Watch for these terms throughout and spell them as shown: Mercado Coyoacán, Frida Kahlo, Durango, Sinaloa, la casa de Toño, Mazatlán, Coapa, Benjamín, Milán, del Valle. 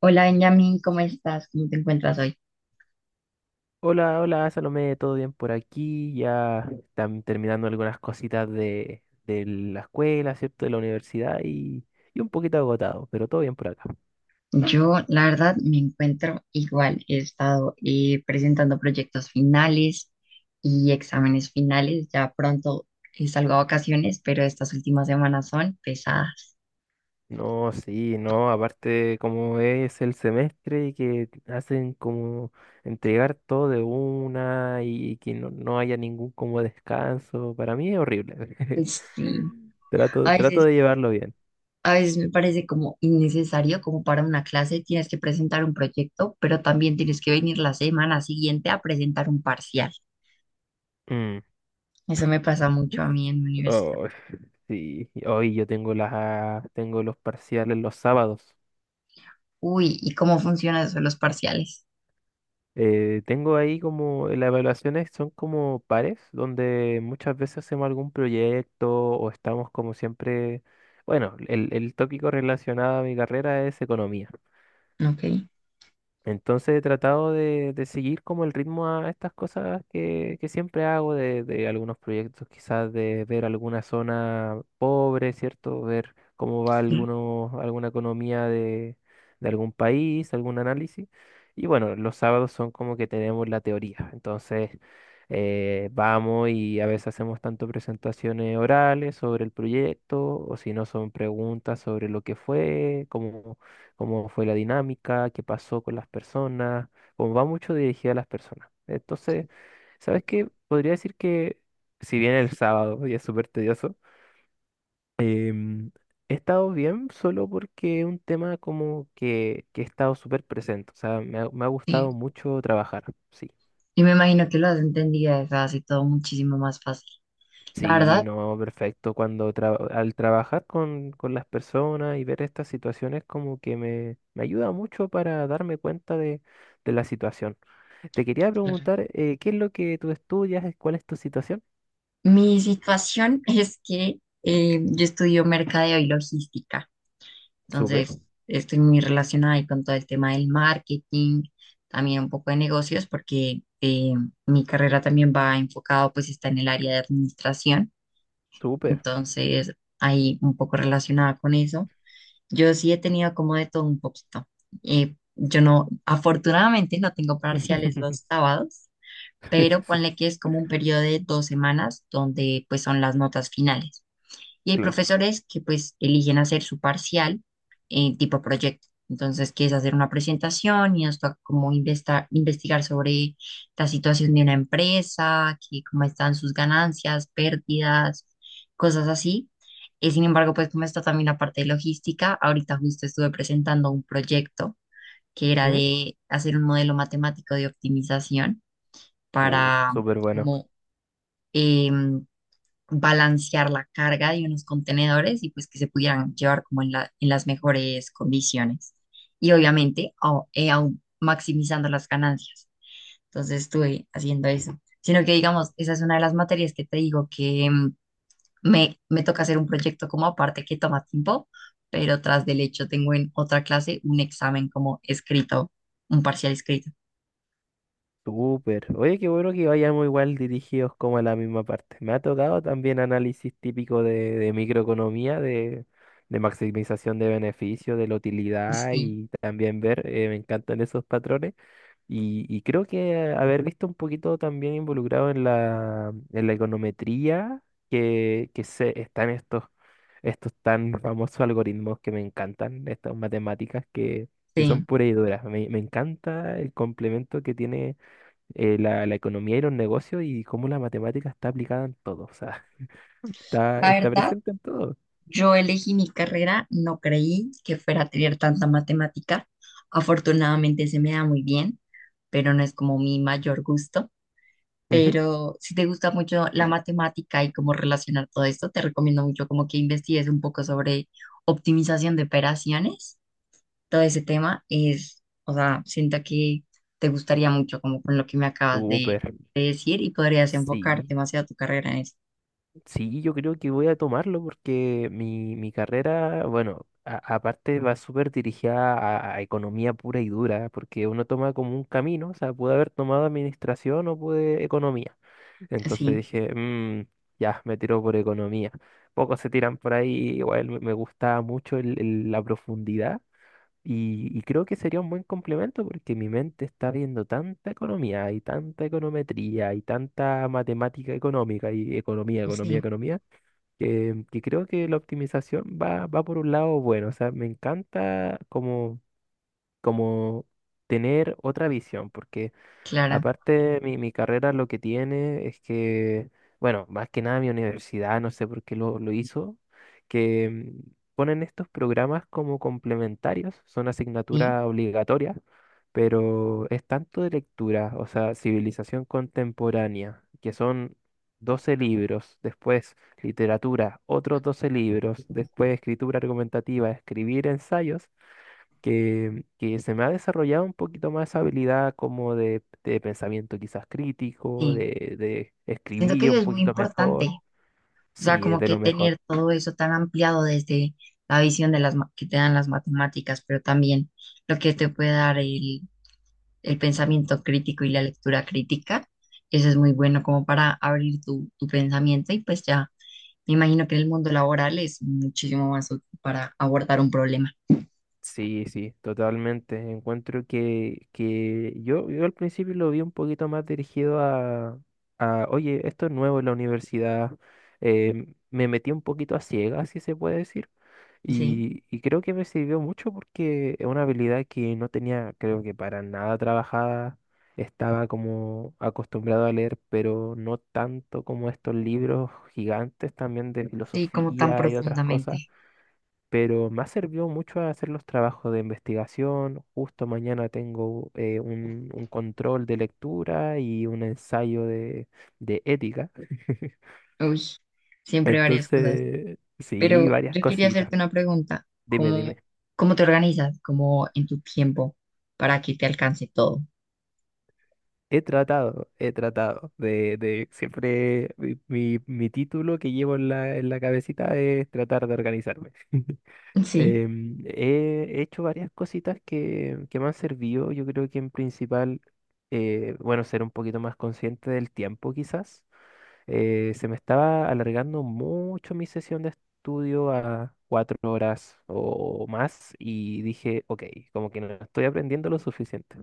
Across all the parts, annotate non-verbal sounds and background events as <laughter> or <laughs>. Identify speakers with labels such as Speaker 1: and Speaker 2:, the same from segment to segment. Speaker 1: Hola Benjamín, ¿cómo estás? ¿Cómo te encuentras hoy?
Speaker 2: Hola, hola, Salomé, ¿todo bien por aquí? Ya están terminando algunas cositas de la escuela, ¿cierto? De la universidad y un poquito agotado, pero todo bien por acá.
Speaker 1: Yo, la verdad, me encuentro igual. He estado presentando proyectos finales y exámenes finales. Ya pronto salgo a vacaciones, pero estas últimas semanas son pesadas.
Speaker 2: No, sí, no, aparte como es el semestre y que hacen como entregar todo de una y que no, no haya ningún como descanso, para mí es horrible.
Speaker 1: Pues sí,
Speaker 2: <laughs>
Speaker 1: a
Speaker 2: Trato, trato
Speaker 1: veces,
Speaker 2: de llevarlo bien.
Speaker 1: a veces me parece como innecesario, como para una clase tienes que presentar un proyecto, pero también tienes que venir la semana siguiente a presentar un parcial.
Speaker 2: Mm,
Speaker 1: Eso me pasa mucho a mí en la universidad.
Speaker 2: oh, sí, hoy yo tengo los parciales los sábados.
Speaker 1: Uy, ¿y cómo funcionan eso de los parciales?
Speaker 2: Tengo ahí como las evaluaciones son como pares, donde muchas veces hacemos algún proyecto o estamos como siempre, bueno, el tópico relacionado a mi carrera es economía.
Speaker 1: Ok,
Speaker 2: Entonces he tratado de seguir como el ritmo a estas cosas que siempre hago, de algunos proyectos, quizás de ver alguna zona pobre, ¿cierto? Ver cómo va
Speaker 1: sí,
Speaker 2: algunos alguna economía de algún país, algún análisis. Y bueno, los sábados son como que tenemos la teoría. Entonces vamos y a veces hacemos tanto presentaciones orales sobre el proyecto, o si no son preguntas sobre lo que fue, como cómo fue la dinámica, qué pasó con las personas, como va mucho dirigida a las personas. Entonces, ¿sabes qué? Podría decir que si bien el sábado y es súper tedioso, em, he estado bien solo porque es un tema como que he estado súper presente. O sea, me ha
Speaker 1: sí.
Speaker 2: gustado mucho trabajar, sí.
Speaker 1: Y me imagino que lo has entendido, eso hace todo muchísimo más fácil. La
Speaker 2: Sí,
Speaker 1: verdad,
Speaker 2: no, perfecto. Cuando al trabajar con las personas y ver estas situaciones como que me ayuda mucho para darme cuenta de la situación. Te quería
Speaker 1: claro,
Speaker 2: preguntar, ¿qué es lo que tú estudias? ¿Cuál es tu situación?
Speaker 1: mi situación <laughs> es que yo estudio mercadeo y logística,
Speaker 2: Súper,
Speaker 1: entonces estoy muy relacionada ahí con todo el tema del marketing, también un poco de negocios, porque mi carrera también va enfocado, pues está en el área de administración,
Speaker 2: súper.
Speaker 1: entonces ahí un poco relacionada con eso. Yo sí he tenido como de todo un poquito. Yo no, afortunadamente no tengo parciales los
Speaker 2: <laughs>
Speaker 1: sábados, pero
Speaker 2: Sí,
Speaker 1: ponle que es como un periodo de 2 semanas donde pues son las notas finales. Y hay
Speaker 2: claro.
Speaker 1: profesores que pues eligen hacer su parcial en tipo proyecto. Entonces, que es hacer una presentación y nos toca como investigar sobre la situación de una empresa, que cómo están sus ganancias, pérdidas, cosas así. Sin embargo, pues como está también la parte de logística, ahorita justo estuve presentando un proyecto que era
Speaker 2: Ujú.
Speaker 1: de hacer un modelo matemático de optimización
Speaker 2: Uf,
Speaker 1: para
Speaker 2: súper bueno,
Speaker 1: como em, balancear la carga de unos contenedores y pues que se pudieran llevar como en las mejores condiciones. Y obviamente aún maximizando las ganancias. Entonces estuve haciendo eso. Sino que digamos, esa es una de las materias que te digo que me toca hacer un proyecto como aparte que toma tiempo, pero tras del hecho tengo en otra clase un examen como escrito, un parcial escrito.
Speaker 2: súper. Oye, qué bueno que vayamos igual dirigidos como a la misma parte. Me ha tocado también análisis típico de microeconomía, de maximización de beneficios, de la utilidad
Speaker 1: Sí,
Speaker 2: y también ver, me encantan esos patrones. Y creo que haber visto un poquito también involucrado en la econometría que se, están estos tan famosos algoritmos que me encantan, estas matemáticas que son
Speaker 1: sí.
Speaker 2: puras y duras. Me encanta el complemento que tiene la economía y los negocios y cómo la matemática está aplicada en todo, o sea, <laughs> está,
Speaker 1: La
Speaker 2: está
Speaker 1: verdad.
Speaker 2: presente en todo.
Speaker 1: Yo elegí mi carrera, no creí que fuera a tener tanta matemática. Afortunadamente se me da muy bien, pero no es como mi mayor gusto.
Speaker 2: Ujú.
Speaker 1: Pero si te gusta mucho la matemática y cómo relacionar todo esto, te recomiendo mucho como que investigues un poco sobre optimización de operaciones. Todo ese tema es, o sea, siento que te gustaría mucho como con lo que me acabas
Speaker 2: Súper,
Speaker 1: de decir y podrías enfocar
Speaker 2: sí.
Speaker 1: demasiado tu carrera en eso.
Speaker 2: Sí, yo creo que voy a tomarlo porque mi carrera, bueno, aparte va súper dirigida a economía pura y dura, porque uno toma como un camino, o sea, pude haber tomado administración o pude economía. Entonces
Speaker 1: Sí,
Speaker 2: dije: Ya, me tiro por economía. Pocos se tiran por ahí, igual me gusta mucho la profundidad y creo que sería un buen complemento porque mi mente está viendo tanta economía y tanta econometría y tanta matemática económica y economía, economía,
Speaker 1: sí,
Speaker 2: economía que creo que la optimización va, va por un lado bueno, o sea, me encanta como, como tener otra visión, porque
Speaker 1: claro,
Speaker 2: aparte, mi carrera lo que tiene es que, bueno, más que nada mi universidad, no sé por qué lo hizo, que ponen estos programas como complementarios, son
Speaker 1: sí,
Speaker 2: asignaturas obligatorias, pero es tanto de lectura, o sea, civilización contemporánea, que son 12 libros, después literatura, otros 12 libros, después escritura argumentativa, escribir ensayos que se me ha desarrollado un poquito más esa habilidad como de pensamiento quizás crítico,
Speaker 1: sí.
Speaker 2: de
Speaker 1: Siento que
Speaker 2: escribir
Speaker 1: eso
Speaker 2: un
Speaker 1: es muy
Speaker 2: poquito
Speaker 1: importante,
Speaker 2: mejor.
Speaker 1: o sea,
Speaker 2: Sí, es
Speaker 1: como
Speaker 2: de
Speaker 1: que
Speaker 2: lo
Speaker 1: tener
Speaker 2: mejor.
Speaker 1: todo eso tan ampliado desde la visión de las que te dan las matemáticas, pero también lo que te puede dar el pensamiento crítico y la lectura crítica, eso es muy bueno como para abrir tu pensamiento y pues ya me imagino que en el mundo laboral es muchísimo más útil para abordar un problema.
Speaker 2: Sí, sí, totalmente. Encuentro que yo, yo al principio lo vi un poquito más dirigido a, oye, esto es nuevo en la universidad. Me metí un poquito a ciegas, si se puede decir.
Speaker 1: Sí,
Speaker 2: Y creo que me sirvió mucho porque es una habilidad que no tenía, creo que para nada trabajada. Estaba como acostumbrado a leer, pero no tanto como estos libros gigantes también de
Speaker 1: sí, como tan
Speaker 2: filosofía y otras cosas.
Speaker 1: profundamente.
Speaker 2: Pero me ha servido mucho a hacer los trabajos de investigación. Justo mañana tengo un control de lectura y un ensayo de ética. <laughs>
Speaker 1: Uy, siempre varias cosas.
Speaker 2: Entonces, sí,
Speaker 1: Pero
Speaker 2: varias
Speaker 1: yo quería
Speaker 2: cositas.
Speaker 1: hacerte una pregunta.
Speaker 2: Dime, dime.
Speaker 1: ¿Cómo te organizas? ¿Cómo en tu tiempo para que te alcance todo?
Speaker 2: He tratado de siempre mi título que llevo en la cabecita es tratar de organizarme. <laughs>
Speaker 1: Sí,
Speaker 2: He hecho varias cositas que me han servido. Yo creo que en principal, bueno, ser un poquito más consciente del tiempo quizás se me estaba alargando mucho mi sesión de estudio a 4 horas o más y dije, ok, como que no estoy aprendiendo lo suficiente.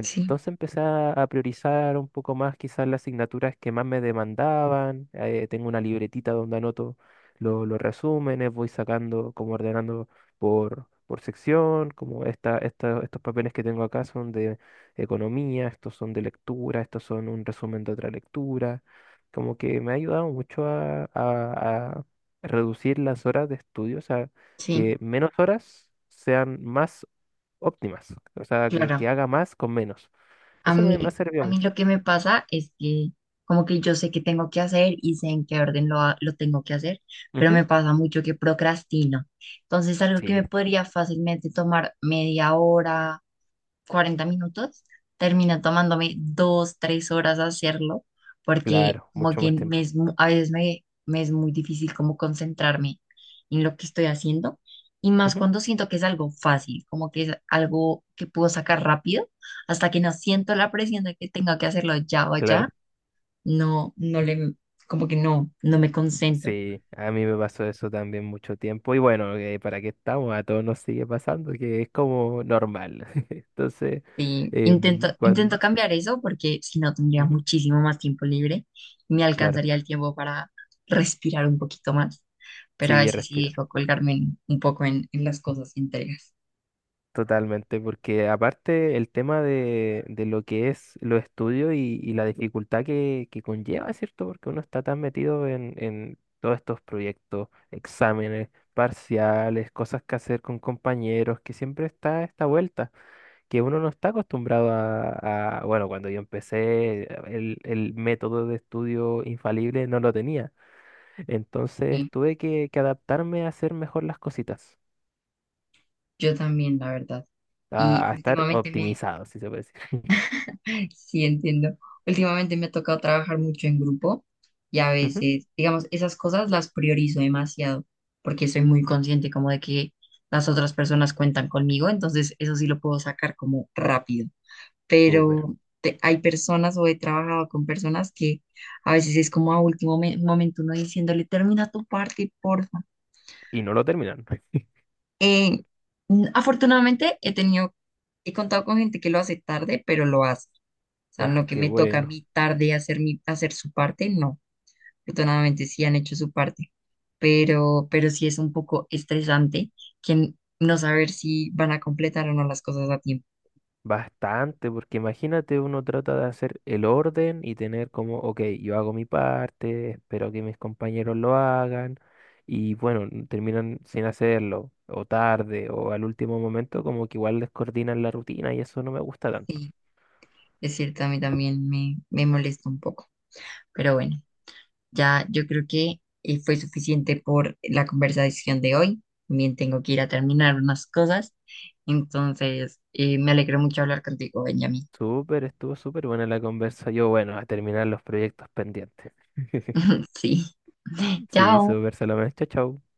Speaker 1: sí,
Speaker 2: empecé a priorizar un poco más quizás las asignaturas que más me demandaban. Tengo una libretita donde anoto los resúmenes, voy sacando, como ordenando por sección, como estos papeles que tengo acá son de economía, estos son de lectura, estos son un resumen de otra lectura como que me ha ayudado mucho a reducir las horas de estudio, o sea,
Speaker 1: sí,
Speaker 2: que menos horas sean más óptimas, o sea, que
Speaker 1: claro.
Speaker 2: haga más con menos.
Speaker 1: A
Speaker 2: Eso
Speaker 1: mí,
Speaker 2: me ha servido
Speaker 1: a mí
Speaker 2: mucho.
Speaker 1: lo que me pasa es que como que yo sé qué tengo que hacer y sé en qué orden lo tengo que hacer, pero
Speaker 2: Ujú.
Speaker 1: me pasa mucho que procrastino. Entonces, algo que
Speaker 2: Sí,
Speaker 1: me podría fácilmente tomar 1/2 hora, 40 minutos, termina tomándome 2, 3 horas hacerlo, porque
Speaker 2: claro,
Speaker 1: como
Speaker 2: mucho
Speaker 1: que
Speaker 2: más
Speaker 1: me
Speaker 2: tiempo.
Speaker 1: es a veces me es muy difícil como concentrarme en lo que estoy haciendo, y más
Speaker 2: Ujú.
Speaker 1: cuando siento que es algo fácil, como que es algo que puedo sacar rápido, hasta que no siento la presión de que tenga que hacerlo ya o
Speaker 2: Claro.
Speaker 1: ya, no, no le, como que no me concentro.
Speaker 2: Sí, a mí me pasó eso también mucho tiempo y bueno, ¿para qué estamos? A todos nos sigue pasando, que es como normal. <laughs> Entonces,
Speaker 1: Sí,
Speaker 2: eh, cuando.
Speaker 1: intento cambiar eso porque si no tendría
Speaker 2: Ujú.
Speaker 1: muchísimo más tiempo libre y me
Speaker 2: Claro,
Speaker 1: alcanzaría el tiempo para respirar un poquito más, pero a
Speaker 2: sí,
Speaker 1: veces sí
Speaker 2: respirar.
Speaker 1: dejo colgarme un poco en las cosas entregas.
Speaker 2: Totalmente, porque aparte el tema de lo que es los estudios y la dificultad que conlleva, ¿cierto? Porque uno está tan metido en todos estos proyectos, exámenes, parciales, cosas que hacer con compañeros, que siempre está esta vuelta, que uno no está acostumbrado bueno, cuando yo empecé, el método de estudio infalible no lo tenía, entonces
Speaker 1: Sí,
Speaker 2: tuve que adaptarme a hacer mejor las cositas,
Speaker 1: yo también, la verdad. Y
Speaker 2: a estar
Speaker 1: últimamente
Speaker 2: optimizado, si se puede decir.
Speaker 1: <laughs> sí entiendo, últimamente me ha tocado trabajar mucho en grupo y a
Speaker 2: <laughs>
Speaker 1: veces, digamos, esas cosas las priorizo demasiado porque soy muy consciente como de que las otras personas cuentan conmigo, entonces eso sí lo puedo sacar como rápido.
Speaker 2: Súper.
Speaker 1: Pero hay personas o he trabajado con personas que a veces es como a último momento uno diciéndole, termina tu parte, porfa.
Speaker 2: Y no lo terminaron. <laughs>
Speaker 1: Eh, afortunadamente he tenido, he contado con gente que lo hace tarde, pero lo hace. O sea,
Speaker 2: Ah,
Speaker 1: no que
Speaker 2: qué
Speaker 1: me toca a
Speaker 2: bueno.
Speaker 1: mí tarde hacer hacer su parte, no. Afortunadamente sí han hecho su parte, pero sí es un poco estresante que no saber si van a completar o no las cosas a tiempo.
Speaker 2: Bastante, porque imagínate, uno trata de hacer el orden y tener como, ok, yo hago mi parte, espero que mis compañeros lo hagan, y bueno, terminan sin hacerlo, o tarde, o al último momento, como que igual descoordinan la rutina y eso no me gusta tanto.
Speaker 1: Sí, es cierto, a mí también me molesta un poco, pero bueno. Ya, yo creo que fue suficiente por la conversación de hoy. También tengo que ir a terminar unas cosas. Entonces, me alegro mucho hablar contigo, Benjamín.
Speaker 2: Súper, estuvo súper buena la conversa. Yo, bueno, a terminar los proyectos pendientes. <laughs>
Speaker 1: <laughs> Sí.
Speaker 2: Sí,
Speaker 1: Chao.
Speaker 2: súper, Salomé. Chao, chao.